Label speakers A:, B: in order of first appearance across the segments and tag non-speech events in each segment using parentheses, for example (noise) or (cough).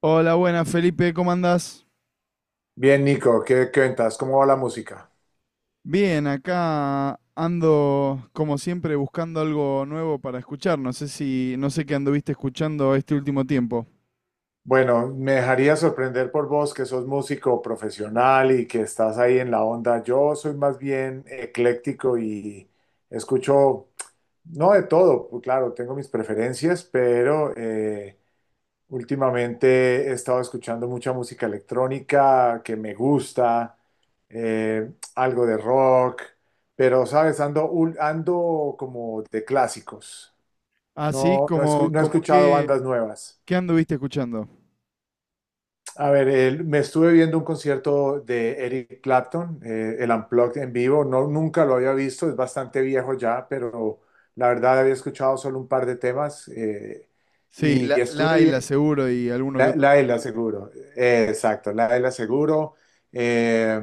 A: Hola, buenas Felipe, ¿cómo andás?
B: Bien, Nico, ¿qué cuentas? ¿Cómo va la música?
A: Bien, acá ando como siempre buscando algo nuevo para escuchar. No sé qué anduviste escuchando este último tiempo.
B: Bueno, me dejaría sorprender por vos que sos músico profesional y que estás ahí en la onda. Yo soy más bien ecléctico y escucho, no de todo, pues claro, tengo mis preferencias, pero últimamente he estado escuchando mucha música electrónica que me gusta, algo de rock, pero sabes, ando como de clásicos.
A: Ah, sí,
B: No, no he
A: como
B: escuchado
A: qué,
B: bandas nuevas.
A: qué anduviste escuchando.
B: A ver, me estuve viendo un concierto de Eric Clapton, el Unplugged en vivo. No, nunca lo había visto, es bastante viejo ya, pero la verdad había escuchado solo un par de temas
A: Sí,
B: y
A: la
B: estuve bien.
A: Ayla seguro y alguno que
B: La,
A: otro
B: la
A: más,
B: de la
A: ¿no?
B: Seguro, exacto, la de la Seguro. Eh,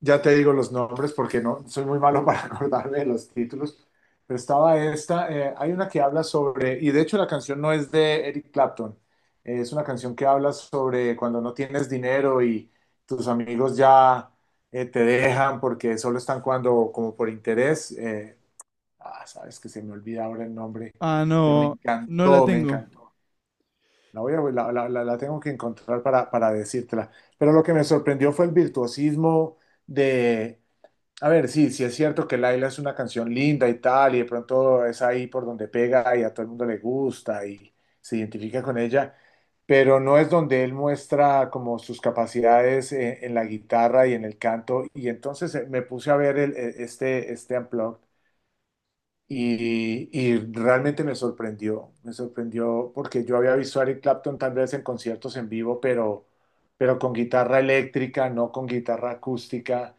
B: ya te digo los nombres porque no soy muy malo para (laughs) acordarme de los títulos, pero estaba esta, hay una que habla sobre, y de hecho la canción no es de Eric Clapton, es una canción que habla sobre cuando no tienes dinero y tus amigos ya te dejan porque solo están cuando como por interés. Sabes que se me olvida ahora el nombre,
A: Ah,
B: pero me
A: no, no la
B: encantó, me
A: tengo.
B: encantó. La voy a, la- la- la tengo que encontrar para decírtela. Pero lo que me sorprendió fue el virtuosismo de a ver, sí, sí es cierto que Laila es una canción linda y tal, y de pronto es ahí por donde pega y a todo el mundo le gusta y se identifica con ella, pero no es donde él muestra como sus capacidades en la guitarra y en el canto. Y entonces me puse a ver este Unplugged y realmente me sorprendió porque yo había visto a Eric Clapton tal vez en conciertos en vivo, pero con guitarra eléctrica, no con guitarra acústica.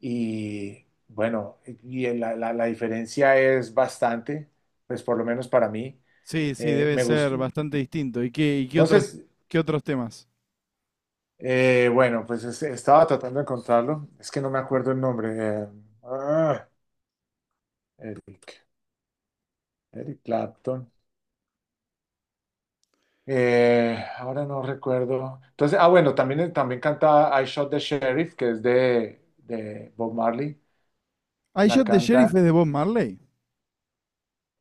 B: Y bueno, y la diferencia es bastante, pues por lo menos para mí.
A: Sí, sí,
B: Eh,
A: debe
B: me
A: ser
B: gustó.
A: bastante distinto. Y
B: No sé,
A: qué otros temas?
B: bueno, pues estaba tratando de encontrarlo. Es que no me acuerdo el nombre. Eh, ah, Eric, Eric Clapton. Ahora no recuerdo. Entonces, bueno, también canta I Shot the Sheriff, que es de Bob Marley.
A: I
B: La
A: Shot the
B: canta
A: Sheriff es de Bob Marley.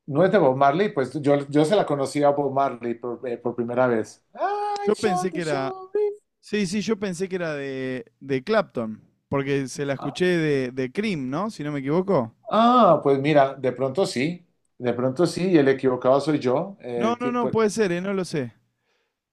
B: No es de Bob Marley, pues yo se la conocí a Bob Marley por primera vez. I
A: Yo pensé
B: Shot the
A: que era.
B: Sheriff.
A: Sí, sí, yo pensé que era de Clapton, porque se la
B: Ah,
A: escuché de Cream, ¿no? Si no me equivoco.
B: pues mira, de pronto sí, y el equivocado soy yo.
A: No,
B: eh,
A: no,
B: ti-
A: no,
B: pues,
A: puede ser, no lo sé.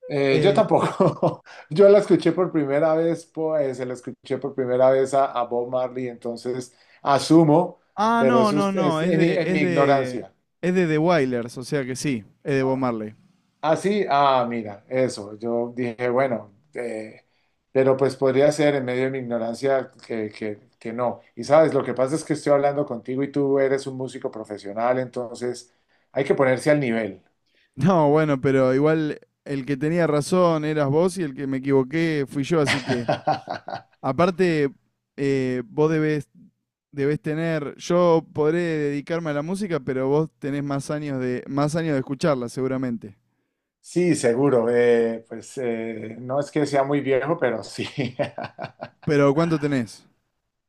B: yo
A: Eh,
B: tampoco. (laughs) Yo la escuché por primera vez, pues se la escuché por primera vez a Bob Marley, entonces asumo, pero
A: no,
B: eso
A: no,
B: es,
A: no,
B: es en, en mi ignorancia.
A: es de The Wailers, o sea que sí, es de Bob Marley.
B: Ah, sí, mira, eso. Yo dije, bueno, pero pues podría ser en medio de mi ignorancia que no. Y sabes, lo que pasa es que estoy hablando contigo y tú eres un músico profesional, entonces hay que ponerse al nivel.
A: No, bueno, pero igual el que tenía razón eras vos y el que me equivoqué fui yo, así que
B: (laughs)
A: aparte vos debes debés tener, yo podré dedicarme a la música, pero vos tenés más años más años de escucharla, seguramente.
B: Sí, seguro. Pues no es que sea muy viejo, pero sí. (laughs)
A: Pero ¿cuánto tenés?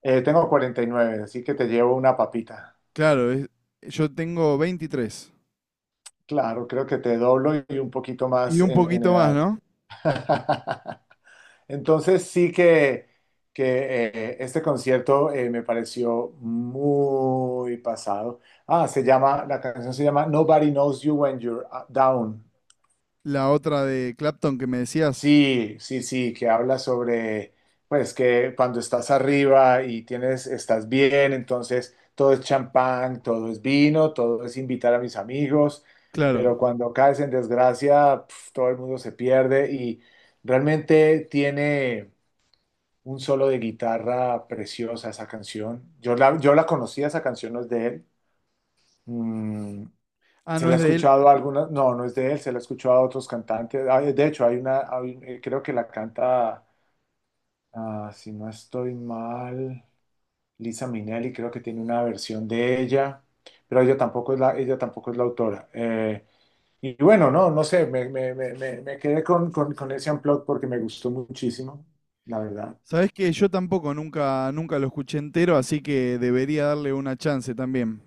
B: Tengo 49, así que te llevo una papita.
A: Claro, es- yo tengo 23.
B: Claro, creo que te doblo y un poquito
A: Y
B: más
A: un
B: en
A: poquito más,
B: edad.
A: ¿no?
B: (laughs) Entonces sí que este concierto me pareció muy pasado. La canción se llama Nobody Knows You When You're Down.
A: La otra de Clapton que me decías.
B: Sí, sí, sí, que habla sobre, pues que cuando estás arriba y estás bien, entonces todo es champán, todo es vino, todo es invitar a mis amigos,
A: Claro.
B: pero cuando caes en desgracia, pf, todo el mundo se pierde y realmente tiene un solo de guitarra preciosa esa canción. Yo la conocía, esa canción no es de él. Mm,
A: Ah,
B: se
A: no
B: la he
A: es de él.
B: escuchado a algunas, no, no es de él, se la he escuchado a otros cantantes. De hecho, creo que la canta, si no estoy mal, Lisa Minelli, creo que tiene una versión de ella, pero ella tampoco es la autora. Y bueno, no, no sé, me quedé con ese Unplugged porque me gustó muchísimo, la verdad.
A: Sabés que yo tampoco nunca, nunca lo escuché entero, así que debería darle una chance también.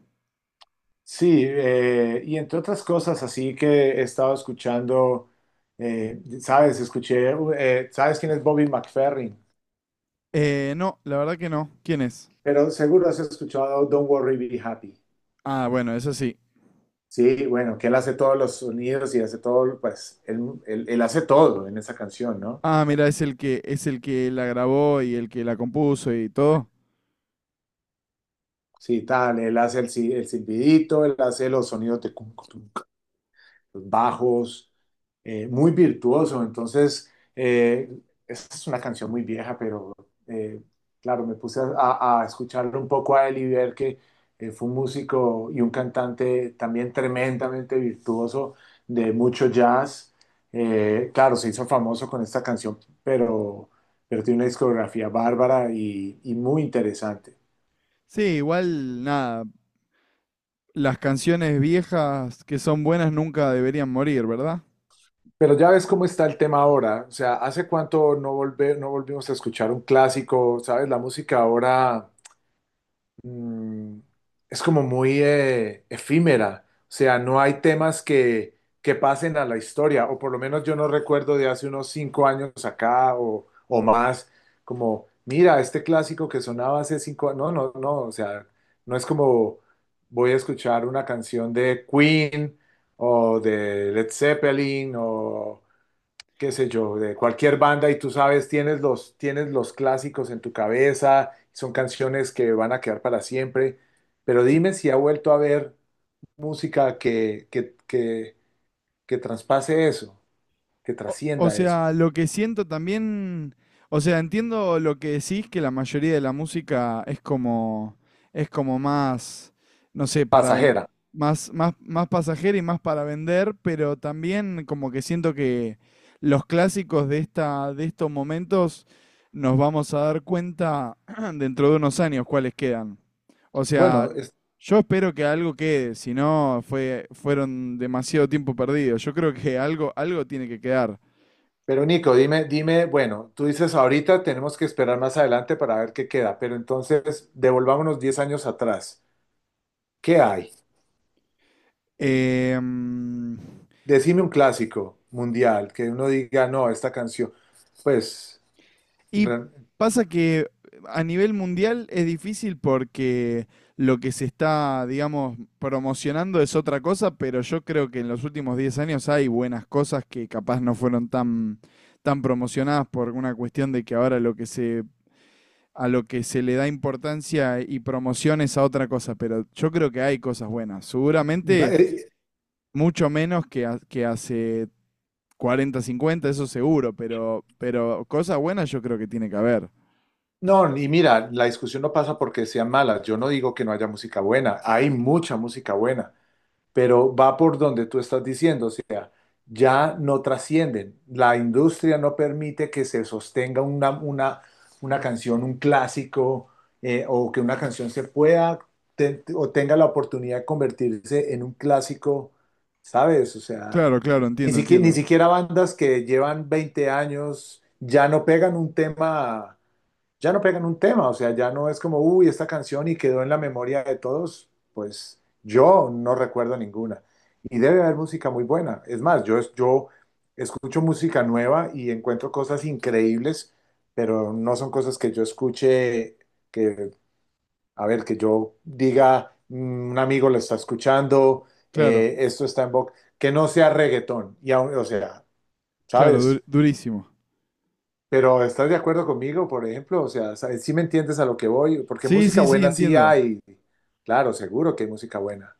B: Sí, y entre otras cosas, así que he estado escuchando, sabes, ¿sabes quién es Bobby McFerrin?
A: No, la verdad que no. ¿Quién es?
B: Pero seguro has escuchado Don't Worry, Be Happy.
A: Ah, bueno, eso sí.
B: Sí, bueno, que él hace todos los sonidos y hace todo, pues, él hace todo en esa canción, ¿no?
A: Ah, mira, es el que la grabó y el que la compuso y todo.
B: Sí, tal, él hace el, si- el silbidito, él hace los sonidos de cum, cum, los bajos, muy virtuoso. Entonces, eh, esta es una canción muy vieja, pero eh, claro, me puse a escucharlo un poco a él y ver que fue un músico y un cantante también tremendamente virtuoso de mucho jazz. Claro, se hizo famoso con esta canción, pero, pero tiene una discografía bárbara y muy interesante.
A: Sí, igual, nada. Las canciones viejas que son buenas nunca deberían morir, ¿verdad?
B: Pero ya ves cómo está el tema ahora, o sea, ¿hace cuánto no volvimos a escuchar un clásico? ¿Sabes? La música ahora mm, es como muy efímera, o sea, no hay temas que pasen a la historia, o por lo menos yo no recuerdo de hace unos 5 años acá o más, como, mira, este clásico que sonaba hace 5 años, no, no, no, o sea, no es como voy a escuchar una canción de Queen o de Led Zeppelin o qué sé yo, de cualquier banda y tú sabes, tienes los clásicos en tu cabeza, son canciones que van a quedar para siempre, pero
A: Sí,
B: dime si ha vuelto a haber música que traspase eso, que
A: O
B: trascienda eso,
A: sea, lo que siento también, o sea, entiendo lo que decís, que la mayoría de la música es como más, no sé,
B: pasajera.
A: más, más, más pasajera y más para vender, pero también como que siento que los clásicos de estos momentos nos vamos a dar cuenta (clears throat) dentro de unos años cuáles quedan. O
B: Bueno,
A: sea, yo espero que algo quede, si no fue, fueron demasiado tiempo perdido. Yo creo que algo, algo tiene que quedar.
B: pero Nico, dime, dime, bueno, tú dices ahorita tenemos que esperar más adelante para ver qué queda, pero entonces devolvámonos 10 años atrás. ¿Qué hay?
A: Em,
B: Decime un clásico mundial que uno diga, no, esta canción, pues
A: y
B: Re-
A: pasa que a nivel mundial es difícil porque lo que se está, digamos, promocionando es otra cosa, pero yo creo que en los últimos 10 años hay buenas cosas que capaz no fueron tan, tan promocionadas por una cuestión de que ahora lo que se, a lo que se le da importancia y promoción es a otra cosa, pero yo creo que hay cosas buenas.
B: la-
A: Seguramente
B: eh,
A: mucho menos que, que hace 40, 50 eso seguro, pero cosas buenas yo creo que tiene que haber.
B: no, y mira, la discusión no pasa porque sean malas. Yo no digo que no haya música buena. Hay mucha música buena. Pero va por donde tú estás diciendo, o sea, ya no trascienden. La industria no permite que se sostenga una canción, un clásico, o que una canción o tenga la oportunidad de convertirse en un clásico, ¿sabes? O sea,
A: Claro, claro,
B: ni
A: entiendo,
B: siquiera, ni
A: entiendo.
B: siquiera bandas que llevan 20 años ya no pegan un tema ya no pegan un tema, o sea, ya no es como, uy, esta canción y quedó en la memoria de todos, pues yo no recuerdo ninguna. Y debe haber música muy buena. Es más, yo escucho música nueva y encuentro cosas increíbles, pero no son cosas que yo escuche, que, a ver, que yo diga, "Mm, un amigo lo está escuchando,
A: Claro,
B: esto está en boca, que no sea reggaetón". Y, o sea,
A: claro,
B: ¿sabes?
A: durísimo.
B: Pero ¿estás de acuerdo conmigo, por ejemplo? O sea, sí me entiendes a lo que voy, porque
A: Sí,
B: música
A: sí, sí,
B: buena sí
A: entiendo.
B: hay. Claro, seguro que hay música buena.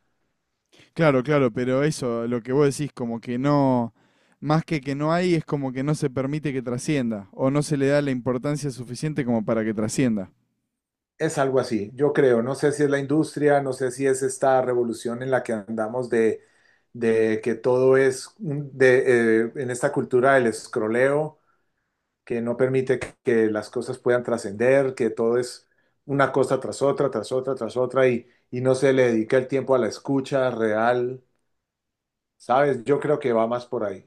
A: Claro, claro, pero eso, lo que vos decís, como que no, más que no hay, es como que no se permite que trascienda, o no se le da la importancia suficiente como para que trascienda.
B: Es algo así, yo creo. No sé si es la industria, no sé si es esta revolución en la que andamos de que todo es en esta cultura del escroleo, que no permite que las cosas puedan trascender, que todo es una cosa tras otra, tras otra, tras otra, y no se le dedica el tiempo a la escucha real, ¿sabes? Yo creo que va más por ahí.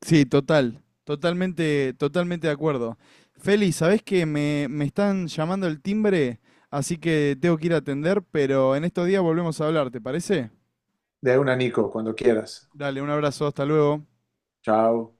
A: Sí, total, totalmente, totalmente de acuerdo. Feli, ¿sabés que me están llamando el timbre? Así que tengo que ir a atender, pero en estos días volvemos a hablar, ¿te parece?
B: De una, Nico, cuando quieras.
A: Dale, un abrazo, hasta luego.
B: Chao.